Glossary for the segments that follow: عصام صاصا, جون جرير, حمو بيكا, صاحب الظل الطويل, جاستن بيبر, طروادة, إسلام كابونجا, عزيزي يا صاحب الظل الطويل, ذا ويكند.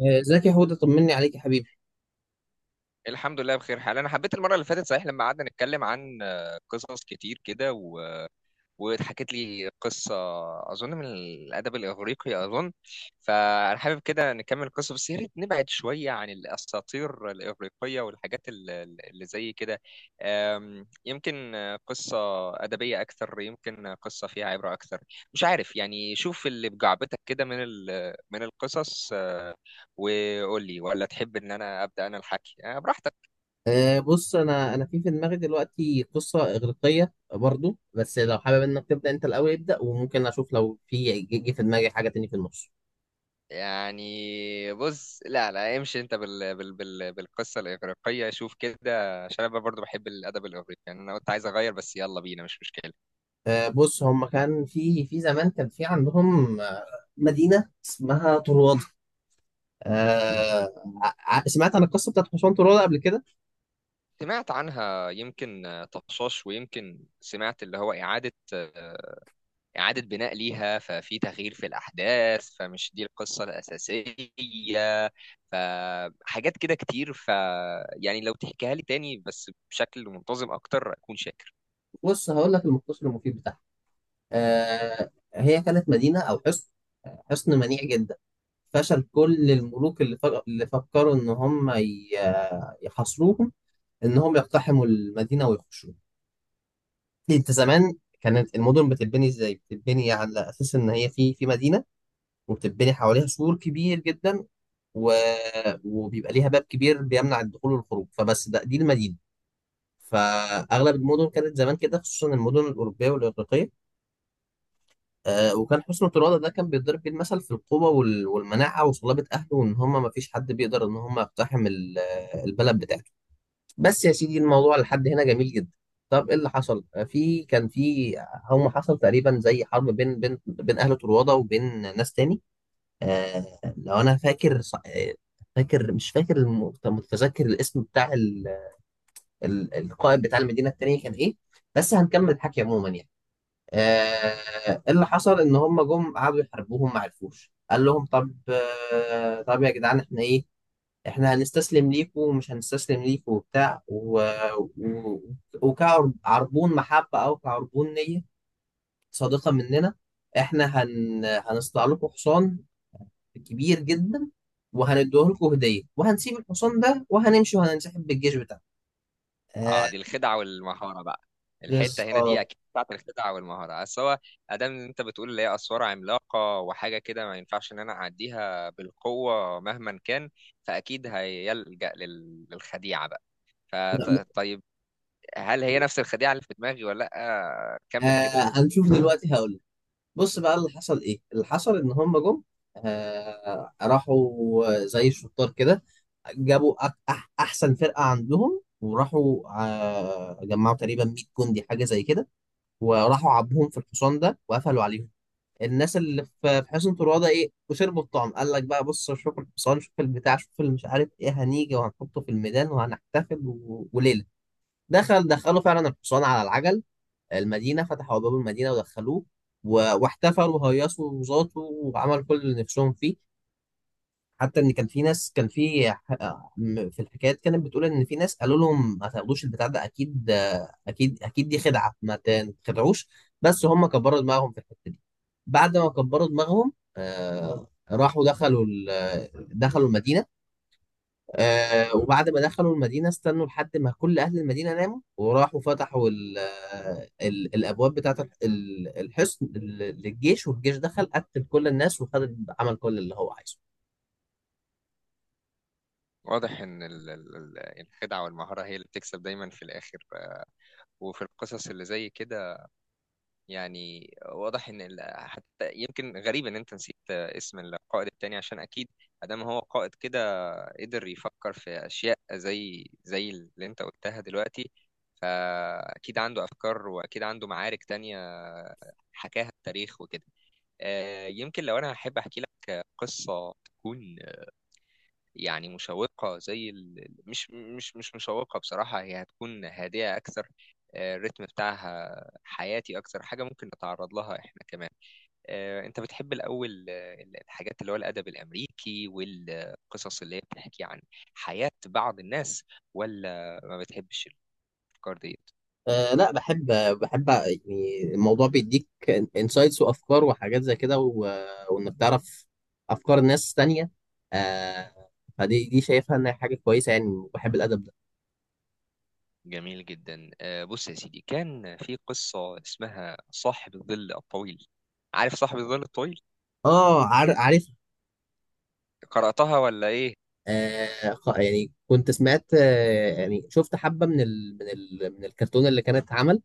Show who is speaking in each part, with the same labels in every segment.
Speaker 1: ازيك يا هدى، طمني عليك يا حبيبي.
Speaker 2: الحمد لله بخير حال. انا حبيت المره اللي فاتت صحيح لما قعدنا نتكلم عن قصص كتير كده واتحكت لي قصه اظن من الادب الاغريقي اظن. فانا حابب كده نكمل القصه، بس يا ريت نبعد شويه عن الاساطير الاغريقيه والحاجات اللي زي كده. يمكن قصه ادبيه اكثر، يمكن قصه فيها عبره اكثر. مش عارف، يعني شوف اللي بجعبتك كده من من القصص. وقول لي ولا تحب ان انا ابدا انا الحكي. براحتك.
Speaker 1: بص، انا في دماغي دلوقتي قصه اغريقيه برضو، بس لو حابب انك تبدا انت الاول ابدا، وممكن اشوف لو في جه جه في دماغي حاجه تاني في النص.
Speaker 2: يعني بص، لا لا، امشي انت بالقصه الاغريقيه، شوف كده عشان انا برضو بحب الادب الاغريقي. يعني انا كنت عايز اغير بس يلا بينا، مش مشكله.
Speaker 1: بص، هم كان في زمان كان في عندهم مدينه اسمها طروادة. آه، سمعت عن القصه بتاعت حصان طروادة قبل كده.
Speaker 2: سمعت عنها يمكن طشاش، ويمكن سمعت اللي هو اعاده بناء ليها، ففي تغيير في الاحداث فمش دي القصه الاساسيه، فحاجات كده كتير. يعني لو تحكيها لي تاني بس بشكل منتظم اكتر اكون شاكر.
Speaker 1: بص هقول لك المختصر المفيد بتاعها. آه، هي كانت مدينة أو حصن، حصن منيع جدا. فشل كل الملوك اللي فكروا إن يحاصروهم، إن هم يقتحموا المدينة ويخشوها. أنت زمان كانت المدن بتتبني إزاي؟ بتتبني على أساس إن هي في مدينة، وبتتبني حواليها سور كبير جدا، و... وبيبقى ليها باب كبير بيمنع الدخول والخروج، فبس ده دي المدينة. فأغلب المدن كانت زمان كده، خصوصا المدن الأوروبية والإغريقية. آه، وكان حسن ترادة ده كان بيتضرب بيه المثل في القوة والمناعة وصلابة أهله، وإن هما مفيش حد بيقدر إن هما يقتحم البلد بتاعته. بس يا سيدي الموضوع لحد هنا جميل جدا. طب إيه اللي حصل؟ آه، في كان في هم، حصل تقريبا زي حرب بين أهل ترادة وبين ناس تاني. آه، لو أنا فاكر ص- آه، فاكر مش فاكر الم- متذكر الاسم بتاع القائد بتاع المدينة التانية كان إيه. بس هنكمل الحكي عموما يعني. آه، اللي حصل ان هم جم قعدوا يحاربوهم، ما عرفوش. قال لهم طب، طب يا جدعان احنا ايه، احنا هنستسلم ليكوا ومش هنستسلم ليكوا وبتاع و... وكعربون محبة او كعربون نية صادقة مننا، احنا هنصنع لكم حصان كبير جدا، وهنديه لكم هدية، وهنسيب الحصان ده وهنمشي وهننسحب بالجيش بتاعنا.
Speaker 2: اه
Speaker 1: آه.
Speaker 2: دي الخدعه والمهاره بقى. الحته
Speaker 1: بس
Speaker 2: هنا دي
Speaker 1: اه،
Speaker 2: اكيد بتاعت الخدعه والمهاره. بس هو ادام إن انت بتقول اللي هي اسوار عملاقه وحاجه كده، ما ينفعش ان انا اعديها بالقوه مهما كان. فاكيد هيلجأ للخديعه بقى. فطيب، هل هي نفس الخديعه اللي في دماغي ولا لا؟ كمل كده.
Speaker 1: هنشوف دلوقتي هقول. بص بقى اللي حصل، ايه اللي حصل؟ ان هم جم، آه، راحوا زي الشطار كده، جابوا أك أح احسن فرقة عندهم، وراحوا آه جمعوا تقريبا 100 جندي حاجة زي كده، وراحوا عبوهم في الحصان ده وقفلوا عليهم. الناس اللي في حصن طروادة ايه، وشربوا الطعم. قال لك بقى، بص شوف الحصان، شوف البتاع، شوف اللي مش عارف ايه، هنيجي وهنحطه في الميدان وهنحتفل وليلة. دخلوا فعلا الحصان على العجل المدينة، فتحوا أبواب المدينة ودخلوه، واحتفلوا وهيصوا وزاتوا وعملوا كل اللي نفسهم فيه. حتى إن كان في ناس، كان في ح- م- في الحكايات كانت بتقول إن في ناس قالوا لهم ما تاخدوش البتاع ده، أكيد أكيد، أكيد دي خدعة، ما تخدعوش. بس هم كبروا دماغهم في الحتة دي. بعد ما كبروا دماغهم، آه، راحوا دخلوا المدينة. آه، وبعد ما دخلوا المدينة، استنوا لحد ما كل أهل المدينة ناموا، وراحوا فتحوا ال آه، ال الأبواب بتاعة الحصن للجيش، والجيش دخل قتل كل الناس وخد عمل كل اللي هو عايزه.
Speaker 2: واضح ان الخدعه والمهاره هي اللي بتكسب دايما في الاخر، وفي القصص اللي زي كده. يعني واضح ان حتى يمكن غريب ان انت نسيت اسم القائد التاني. عشان اكيد ادام هو قائد كده قدر يفكر في اشياء زي اللي انت قلتها دلوقتي. فاكيد عنده افكار واكيد عنده معارك تانية حكاها التاريخ وكده. يمكن لو انا احب احكي لك قصة تكون يعني مشوقة زي مش مشوقة بصراحة. هي هتكون هادئة أكثر، الريتم بتاعها حياتي. أكثر حاجة ممكن نتعرض لها إحنا كمان. أنت بتحب الأول الحاجات اللي هو الأدب الأمريكي والقصص اللي هي بتحكي عن حياة بعض الناس، ولا ما بتحبش الأفكار ديت؟
Speaker 1: آه، لا بحب، بحب. يعني الموضوع بيديك انسايتس وأفكار وحاجات زي كده، وإنك تعرف أفكار ناس تانية. آه، فدي شايفها إنها حاجة كويسة يعني، وبحب الأدب ده.
Speaker 2: جميل جدا. بص يا سيدي، كان في قصة اسمها صاحب الظل الطويل. عارف صاحب الظل الطويل؟
Speaker 1: اه، عارف.
Speaker 2: قرأتها ولا إيه؟
Speaker 1: يعني كنت سمعت، آه يعني شفت حبة من ال من ال من الكرتون اللي كانت اتعمل،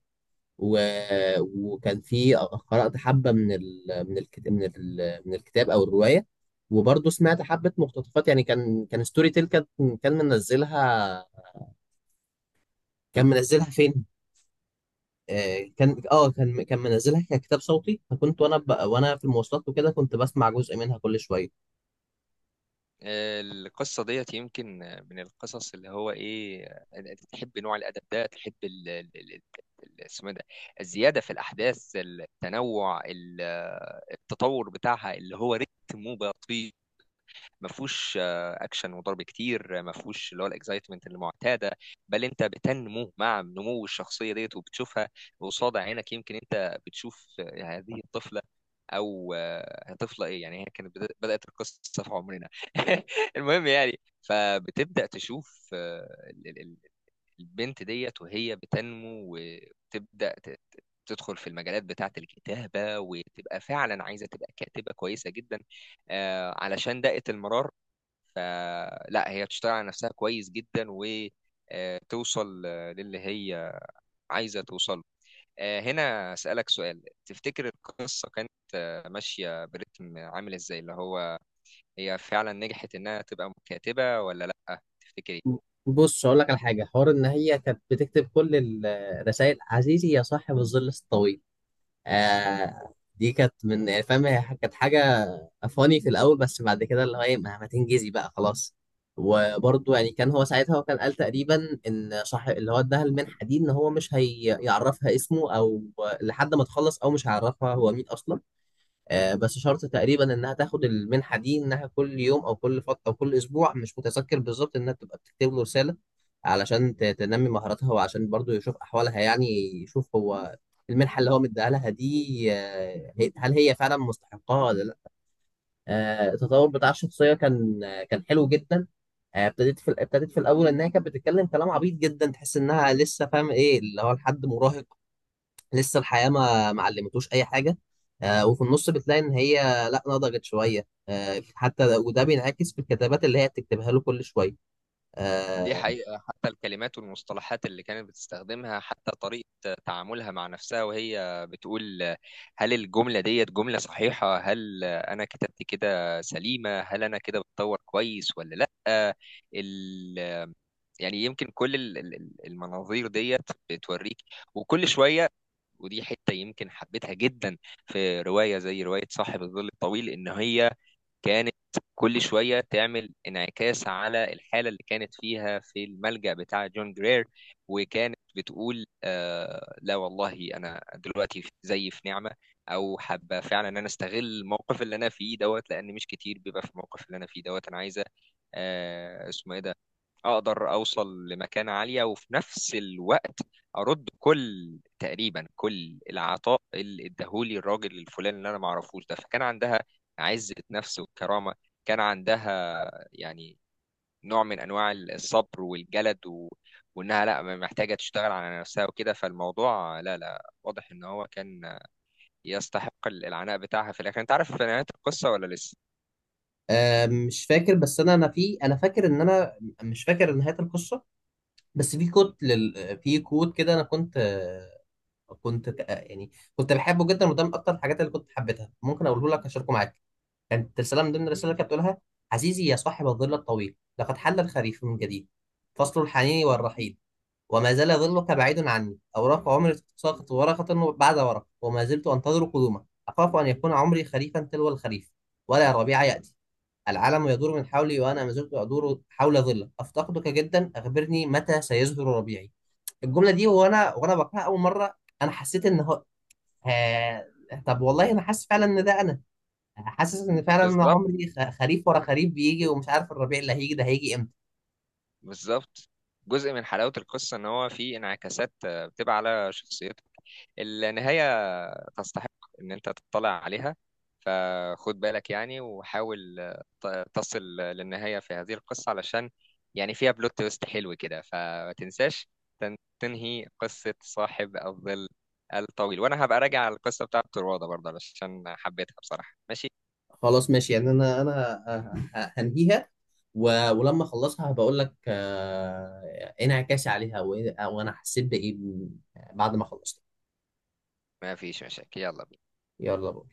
Speaker 1: وكان في قرأت حبة من ال من الكتاب من الكتاب أو الرواية، وبرضه سمعت حبة مقتطفات. يعني كان ستوري تيل، كان منزلها كان منزلها فين؟ آه، كان اه كان كان منزلها ككتاب صوتي، فكنت وانا في المواصلات وكده كنت بسمع جزء منها كل شوية.
Speaker 2: القصة ديت يمكن من القصص اللي هو ايه، انت تحب نوع الأدب ده. تحب اسمه إيه ده، الزيادة في الأحداث، التنوع، التطور بتاعها اللي هو رتمه بطيء. ما فيهوش اكشن وضرب كتير، ما فيهوش اللي هو الاكسايتمنت المعتاده. بل انت بتنمو مع نمو الشخصيه ديت وبتشوفها قصاد عينك. يمكن انت بتشوف هذه الطفله، او طفله ايه يعني، هي كانت بدات القصه في عمرنا. المهم يعني فبتبدا تشوف البنت ديت وهي بتنمو وتبدا تدخل في المجالات بتاعة الكتابة، وتبقى فعلا عايزة تبقى كاتبة كويسة جدا علشان دقة المرارة. فلا هي بتشتغل على نفسها كويس جدا وتوصل للي هي عايزة توصل. هنا أسألك سؤال، تفتكر القصة كانت ماشية برتم عامل ازاي؟ اللي هو هي فعلا نجحت انها تبقى كاتبة ولا لا تفتكري؟
Speaker 1: بص اقول لك على حاجه حوار، ان هي كانت بتكتب كل الرسائل، عزيزي يا صاحب الظل الطويل. آه، دي كانت من، يعني فاهم، هي كانت حاجه فاني في الاول، بس بعد كده اللي هو ايه، ما تنجزي بقى خلاص. وبرضه يعني كان هو ساعتها، هو كان قال تقريبا ان صاحب، اللي هو اداها المنحه دي، ان هو مش هيعرفها اسمه او لحد ما تخلص، او مش هيعرفها هو مين اصلا. آه، بس شرط تقريبا انها تاخد المنحه دي، انها كل يوم او كل فتره او كل اسبوع، مش متذكر بالظبط، انها تبقى بتكتب له رساله علشان تنمي مهاراتها، وعشان برضو يشوف احوالها يعني. يشوف هو المنحه اللي هو مديها لها دي، آه، هل هي فعلا مستحقاها ولا لا. آه، التطور بتاع الشخصيه كان، آه، كان حلو جدا. آه، ابتديت في الاول، انها كانت بتتكلم كلام عبيط جدا، تحس انها لسه، فاهم ايه اللي هو، لحد مراهق لسه الحياة ما علمتوش أي حاجة. آه، وفي النص بتلاقي إن هي لأ، نضجت شوية، آه، حتى وده بينعكس في الكتابات اللي هي بتكتبها له كل شوية.
Speaker 2: دي
Speaker 1: آه.
Speaker 2: حقيقة، حتى الكلمات والمصطلحات اللي كانت بتستخدمها، حتى طريقة تعاملها مع نفسها وهي بتقول هل الجملة ديت جملة صحيحة، هل أنا كتبت كده سليمة، هل أنا كده بتطور كويس ولا لأ. ال... يعني يمكن كل المناظير ديت بتوريك. وكل شوية، ودي حتة يمكن حبيتها جدا في رواية زي رواية صاحب الظل الطويل، إن هي كانت كل شوية تعمل انعكاس على الحالة اللي كانت فيها في الملجأ بتاع جون جرير. وكانت بتقول آه لا والله أنا دلوقتي زي في نعمة، أو حابة فعلا إن أنا أستغل الموقف اللي أنا فيه دوت، لأن مش كتير بيبقى في الموقف اللي أنا فيه دوت. أنا عايزة اسمه إيه ده، اقدر اوصل لمكانة عالية وفي نفس الوقت ارد كل، تقريبا كل العطاء اللي اداهولي الراجل الفلاني اللي انا ما اعرفوش ده. فكان عندها عزة نفس وكرامة. كان عندها يعني نوع من انواع الصبر والجلد وانها لا محتاجة تشتغل على نفسها وكده. فالموضوع لا لا واضح ان هو كان يستحق العناء بتاعها في الاخر. انت عارف نهاية القصة ولا لسه؟
Speaker 1: آه، مش فاكر. بس أنا، أنا في أنا فاكر إن أنا مش فاكر نهاية القصة، بس في كود في كود كده. أنا كنت، يعني كنت بحبه جدا، وده من أكتر الحاجات اللي كنت حبيتها. ممكن أقوله لك أشاركه معاك. كانت رسالة من ضمن الرسائل اللي كانت بتقولها، عزيزي يا صاحب الظل الطويل، لقد حل الخريف من جديد، فصل الحنين والرحيل، وما زال ظلك بعيد عني، أوراق عمري تتساقط ورقة بعد ورقة، وما زلت أنتظر قدومك، أخاف أن يكون عمري خريفا تلو الخريف، ولا الربيع يأتي، العالم يدور من حولي، وأنا ما زلت أدور حول ظلك، أفتقدك جدا، أخبرني متى سيزهر ربيعي. الجملة دي وأنا، بقراها أول مرة، أنا حسيت إن هو، آه... طب والله أنا حاسس فعلا إن ده، أنا حاسس ان فعلا انا
Speaker 2: بالظبط،
Speaker 1: عمري خريف ورا خريف بيجي، ومش عارف الربيع اللي هيجي ده هيجي امتى.
Speaker 2: بالظبط. جزء من حلاوة القصة إن هو فيه انعكاسات بتبقى على شخصيتك. النهاية تستحق إن أنت تطلع عليها. فخد بالك يعني وحاول تصل للنهاية في هذه القصة، علشان يعني فيها بلوت تويست حلو كده. فما تنساش تنهي قصة صاحب الظل الطويل. وأنا هبقى راجع على القصة بتاعة الروضة برضه علشان حبيتها بصراحة. ماشي،
Speaker 1: خلاص ماشي، يعني هنهيها، ولما اخلصها هبقول لك، آه، ايه انعكاسي عليها، وانا حسيت بايه بعد ما خلصت.
Speaker 2: ما فيش مشاكل، يلا بينا.
Speaker 1: يلا بقى.